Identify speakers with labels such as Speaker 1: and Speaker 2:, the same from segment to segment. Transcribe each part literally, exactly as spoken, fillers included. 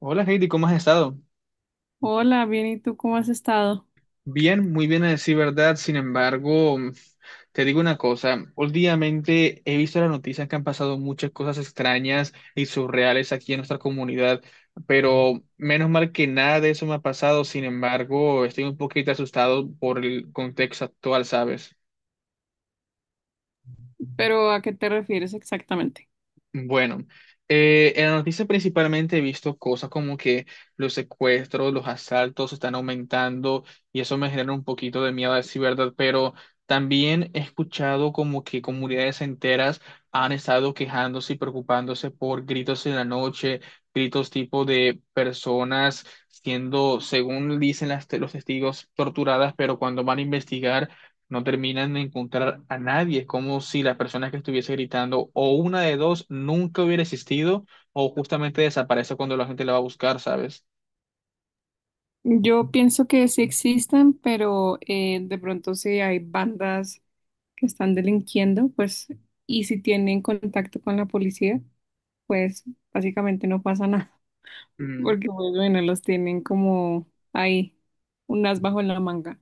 Speaker 1: Hola Heidi, ¿cómo has estado?
Speaker 2: Hola, bien, ¿y tú cómo has estado?
Speaker 1: Bien, muy bien a decir verdad. Sin embargo, te digo una cosa. Últimamente he visto las noticias que han pasado muchas cosas extrañas y surreales aquí en nuestra comunidad, pero menos mal que nada de eso me ha pasado. Sin embargo, estoy un poquito asustado por el contexto actual, ¿sabes?
Speaker 2: Pero ¿a qué te refieres exactamente?
Speaker 1: Bueno, eh, en la noticia principalmente he visto cosas como que los secuestros, los asaltos están aumentando y eso me genera un poquito de miedo a decir verdad, pero también he escuchado como que comunidades enteras han estado quejándose y preocupándose por gritos en la noche, gritos tipo de personas siendo, según dicen las te- los testigos, torturadas, pero cuando van a investigar no terminan de encontrar a nadie. Es como si la persona que estuviese gritando o una de dos nunca hubiera existido o justamente desaparece cuando la gente la va a buscar, ¿sabes?
Speaker 2: Yo pienso que sí existen, pero eh, de pronto si hay bandas que están delinquiendo, pues, y si tienen contacto con la policía, pues básicamente no pasa nada, porque pues, bueno, los tienen como ahí, un as bajo la manga.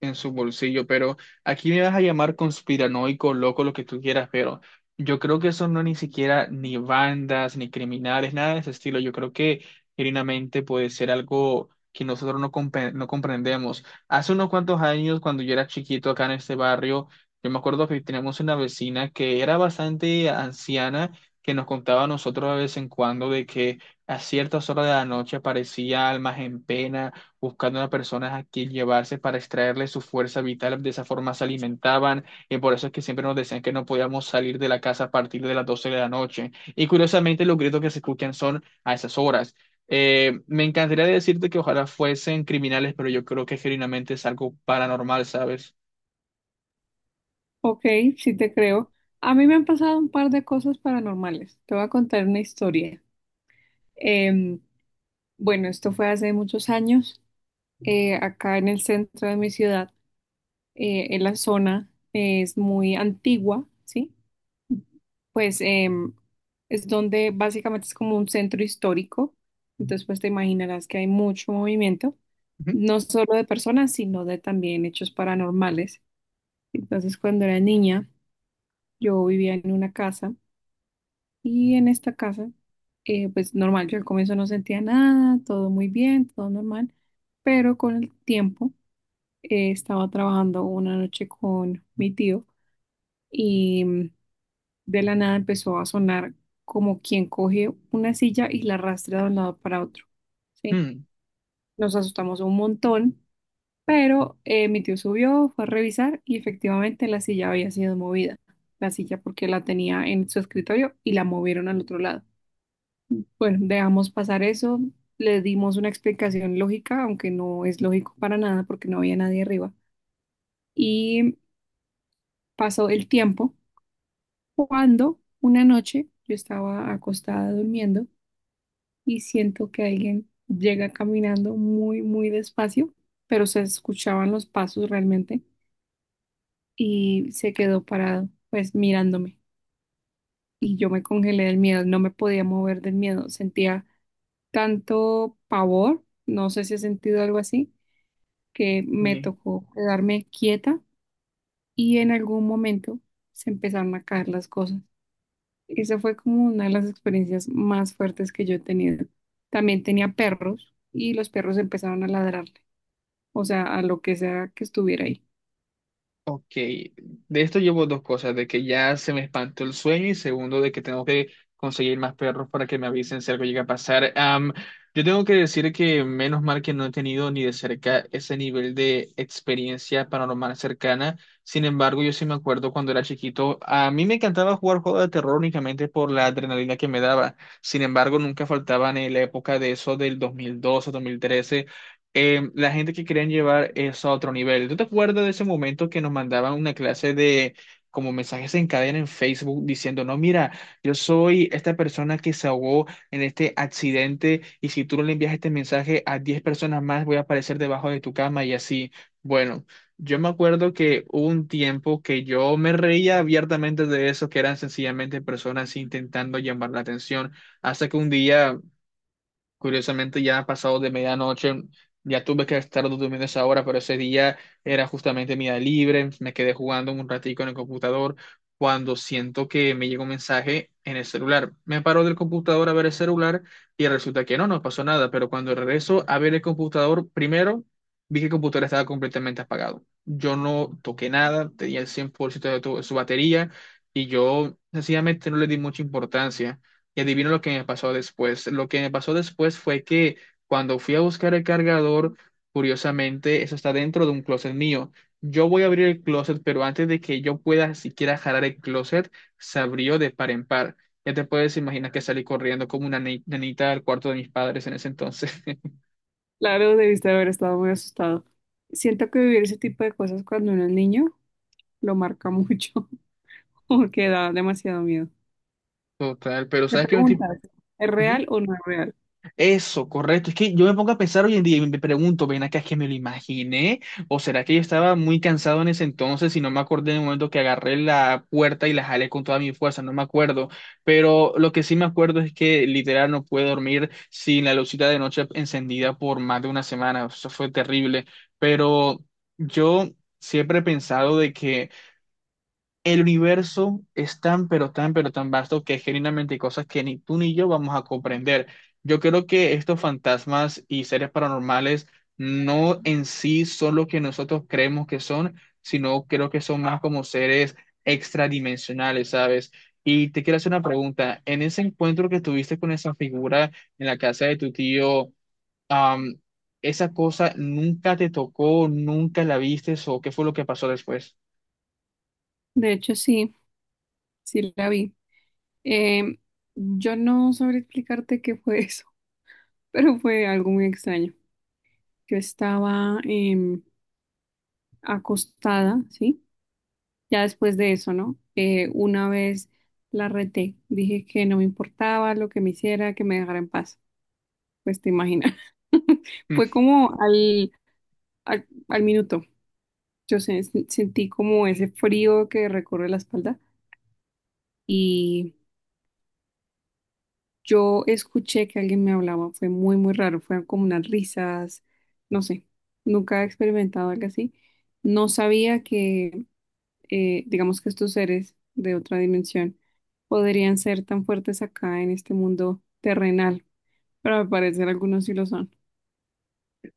Speaker 1: En su bolsillo, pero aquí me vas a llamar conspiranoico, loco, lo que tú quieras, pero yo creo que eso no ni siquiera ni bandas, ni criminales, nada de ese estilo. Yo creo que genuinamente puede ser algo que nosotros no, compre- no comprendemos. Hace unos cuantos años, cuando yo era chiquito acá en este barrio, yo me acuerdo que teníamos una vecina que era bastante anciana, que nos contaba a nosotros de vez en cuando de que a ciertas horas de la noche aparecía almas en pena buscando a personas a quien llevarse para extraerle su fuerza vital. De esa forma se alimentaban y por eso es que siempre nos decían que no podíamos salir de la casa a partir de las doce de la noche. Y curiosamente los gritos que se escuchan son a esas horas. Eh, me encantaría decirte que ojalá fuesen criminales, pero yo creo que genuinamente es algo paranormal, ¿sabes?
Speaker 2: Ok, sí te creo. A mí me han pasado un par de cosas paranormales. Te voy a contar una historia. Em, bueno, esto fue hace muchos años. Eh, acá en el centro de mi ciudad, eh, en la zona eh, es muy antigua, ¿sí? Pues em, es donde básicamente es como un centro histórico, entonces pues te imaginarás que hay mucho movimiento,
Speaker 1: Ujú.
Speaker 2: no solo de personas, sino de también hechos paranormales. Entonces cuando era niña, yo vivía en una casa y en esta casa, eh, pues normal, yo al comienzo no sentía nada, todo muy bien, todo normal, pero con el tiempo eh, estaba trabajando una noche con mi tío y mm, de la nada empezó a sonar como quien coge una silla y la arrastra de un lado para otro, ¿sí?
Speaker 1: Mm.
Speaker 2: Nos asustamos un montón, pero eh, mi tío subió, fue a revisar y efectivamente la silla había sido movida. La silla porque la tenía en su escritorio y la movieron al otro lado. Bueno, dejamos pasar eso, le dimos una explicación lógica, aunque no es lógico para nada porque no había nadie arriba. Y pasó el tiempo. Cuando una noche yo estaba acostada durmiendo y siento que alguien llega caminando muy, muy despacio, pero se escuchaban los pasos realmente y se quedó parado, pues mirándome. Y yo me congelé del miedo, no me podía mover del miedo, sentía tanto pavor, no sé si he sentido algo así, que me tocó quedarme quieta y en algún momento se empezaron a caer las cosas. Esa fue como una de las experiencias más fuertes que yo he tenido. También tenía perros y los perros empezaron a ladrarle, o sea, a lo que sea que estuviera ahí.
Speaker 1: Ok, de esto llevo dos cosas, de que ya se me espantó el sueño y segundo, de que tengo que conseguir más perros para que me avisen si algo llega a pasar. Am, yo tengo que decir que menos mal que no he tenido ni de cerca ese nivel de experiencia paranormal cercana. Sin embargo, yo sí me acuerdo cuando era chiquito, a mí me encantaba jugar juegos de terror únicamente por la adrenalina que me daba. Sin embargo, nunca faltaban en la época de eso del dos mil doce, dos mil trece, eh, la gente que querían llevar eso a otro nivel. ¿Tú te acuerdas de ese momento que nos mandaban una clase de como mensajes en cadena en Facebook diciendo, no, mira, yo soy esta persona que se ahogó en este accidente y si tú no le envías este mensaje a diez personas más voy a aparecer debajo de tu cama y así? Bueno, yo me acuerdo que hubo un tiempo que yo me reía abiertamente de eso, que eran sencillamente personas intentando llamar la atención, hasta que un día, curiosamente, ya ha pasado de medianoche, ya tuve que estar durmiendo esa hora, pero ese día era justamente mi día libre. Me quedé jugando un ratico en el computador cuando siento que me llegó un mensaje en el celular. Me paro del computador a ver el celular y resulta que no, no pasó nada. Pero cuando regreso a ver el computador, primero vi que el computador estaba completamente apagado. Yo no toqué nada, tenía el cien por ciento de tu- su batería y yo sencillamente no le di mucha importancia. Y adivino lo que me pasó después. Lo que me pasó después fue que cuando fui a buscar el cargador, curiosamente, eso está dentro de un closet mío. Yo voy a abrir el closet, pero antes de que yo pueda siquiera jalar el closet, se abrió de par en par. Ya te puedes imaginar que salí corriendo como una ni- nenita al cuarto de mis padres en ese entonces.
Speaker 2: Claro, debiste haber estado muy asustado. Siento que vivir ese tipo de cosas cuando uno es niño lo marca mucho, porque da demasiado miedo.
Speaker 1: Total, pero
Speaker 2: Te
Speaker 1: ¿sabes qué me estoy...
Speaker 2: preguntas, ¿es real o no es real?
Speaker 1: Eso, correcto. Es que yo me pongo a pensar hoy en día y me pregunto, ven acá, es que me lo imaginé, o será que yo estaba muy cansado en ese entonces y no me acordé del momento que agarré la puerta y la jalé con toda mi fuerza, no me acuerdo. Pero lo que sí me acuerdo es que literal no pude dormir sin la lucita de noche encendida por más de una semana, eso fue terrible. Pero yo siempre he pensado de que el universo es tan, pero tan, pero tan vasto que genuinamente hay cosas que ni tú ni yo vamos a comprender. Yo creo que estos fantasmas y seres paranormales no en sí son lo que nosotros creemos que son, sino creo que son más como seres extradimensionales, ¿sabes? Y te quiero hacer una pregunta. En ese encuentro que tuviste con esa figura en la casa de tu tío, am, ¿esa cosa nunca te tocó, nunca la viste o qué fue lo que pasó después?
Speaker 2: De hecho, sí, sí la vi. Em, yo no sabré explicarte qué fue eso, pero fue algo muy extraño. Yo estaba em, acostada, ¿sí? Ya después de eso, ¿no? Eh, una vez la reté, dije que no me importaba lo que me hiciera, que me dejara en paz. Pues te imaginas. Fue como al, al, al minuto. Yo se- Sentí como ese frío que recorre la espalda y yo escuché que alguien me hablaba. Fue muy, muy raro. Fueron como unas risas, no sé. Nunca he experimentado algo así. No sabía que eh, digamos que estos seres de otra dimensión podrían ser tan fuertes acá en este mundo terrenal, pero al parecer algunos sí lo son.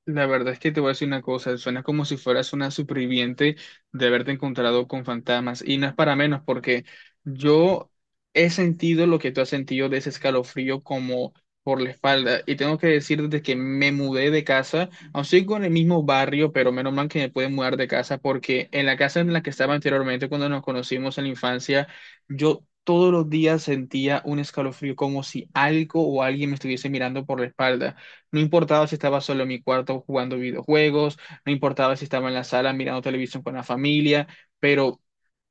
Speaker 1: La verdad es que te voy a decir una cosa, suena como si fueras una superviviente de haberte encontrado con fantasmas y no es para menos porque yo he sentido lo que tú has sentido de ese escalofrío como por la espalda y tengo que decir desde que me mudé de casa, aún sigo en el mismo barrio, pero menos mal que me pude mudar de casa porque en la casa en la que estaba anteriormente cuando nos conocimos en la infancia, yo todos los días sentía un escalofrío como si algo o alguien me estuviese mirando por la espalda. No importaba si estaba solo en mi cuarto jugando videojuegos, no importaba si estaba en la sala mirando televisión con la familia, pero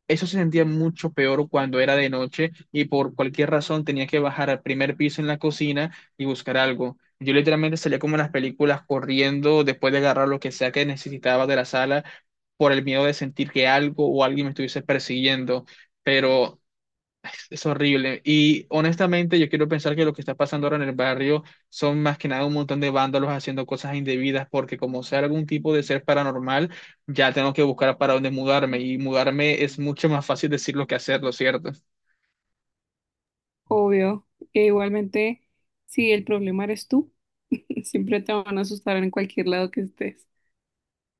Speaker 1: eso se sentía mucho peor cuando era de noche y por cualquier razón tenía que bajar al primer piso en la cocina y buscar algo. Yo literalmente salía como en las películas corriendo después de agarrar lo que sea que necesitaba de la sala por el miedo de sentir que algo o alguien me estuviese persiguiendo. Pero es horrible. Y honestamente, yo quiero pensar que lo que está pasando ahora en el barrio son más que nada un montón de vándalos haciendo cosas indebidas, porque como sea algún tipo de ser paranormal, ya tengo que buscar para dónde mudarme. Y mudarme es mucho más fácil decirlo que hacerlo, ¿cierto?
Speaker 2: Obvio, e igualmente, si el problema eres tú, siempre te van a asustar en cualquier lado que estés.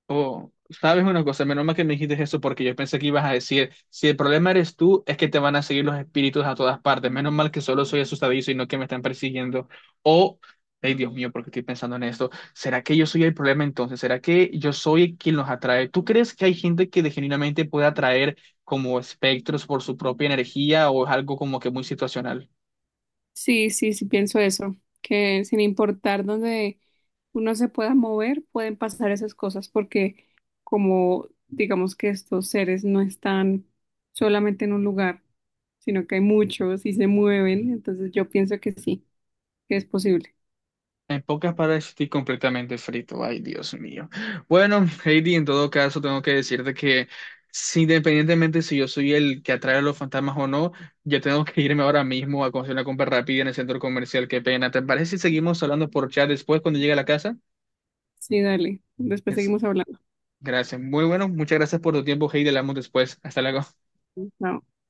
Speaker 1: Oh, sabes una cosa, menos mal que me dijiste eso porque yo pensé que ibas a decir, si el problema eres tú, es que te van a seguir los espíritus a todas partes. Menos mal que solo soy asustadizo y no que me están persiguiendo. O, ay Dios mío, porque estoy pensando en esto. ¿Será que yo soy el problema entonces? ¿Será que yo soy quien los atrae? ¿Tú crees que hay gente que de- genuinamente puede atraer como espectros por su propia energía o es algo como que muy situacional?
Speaker 2: Sí, sí, sí, pienso eso, que sin importar dónde uno se pueda mover, pueden pasar esas cosas, porque como digamos que estos seres no están solamente en un lugar, sino que hay muchos y se mueven, entonces yo pienso que sí, que es posible.
Speaker 1: En pocas palabras, estoy completamente frito. Ay, Dios mío. Bueno, Heidi, en todo caso, tengo que decirte que si, independientemente si yo soy el que atrae a los fantasmas o no, yo tengo que irme ahora mismo a conseguir una compra rápida en el centro comercial. Qué pena. ¿Te parece si seguimos hablando por chat después cuando llegue a la casa?
Speaker 2: Sí, dale, después
Speaker 1: Es-
Speaker 2: seguimos hablando.
Speaker 1: Gracias. Muy bueno. Muchas gracias por tu tiempo, Heidi. Hablamos después. Hasta luego.
Speaker 2: Chao.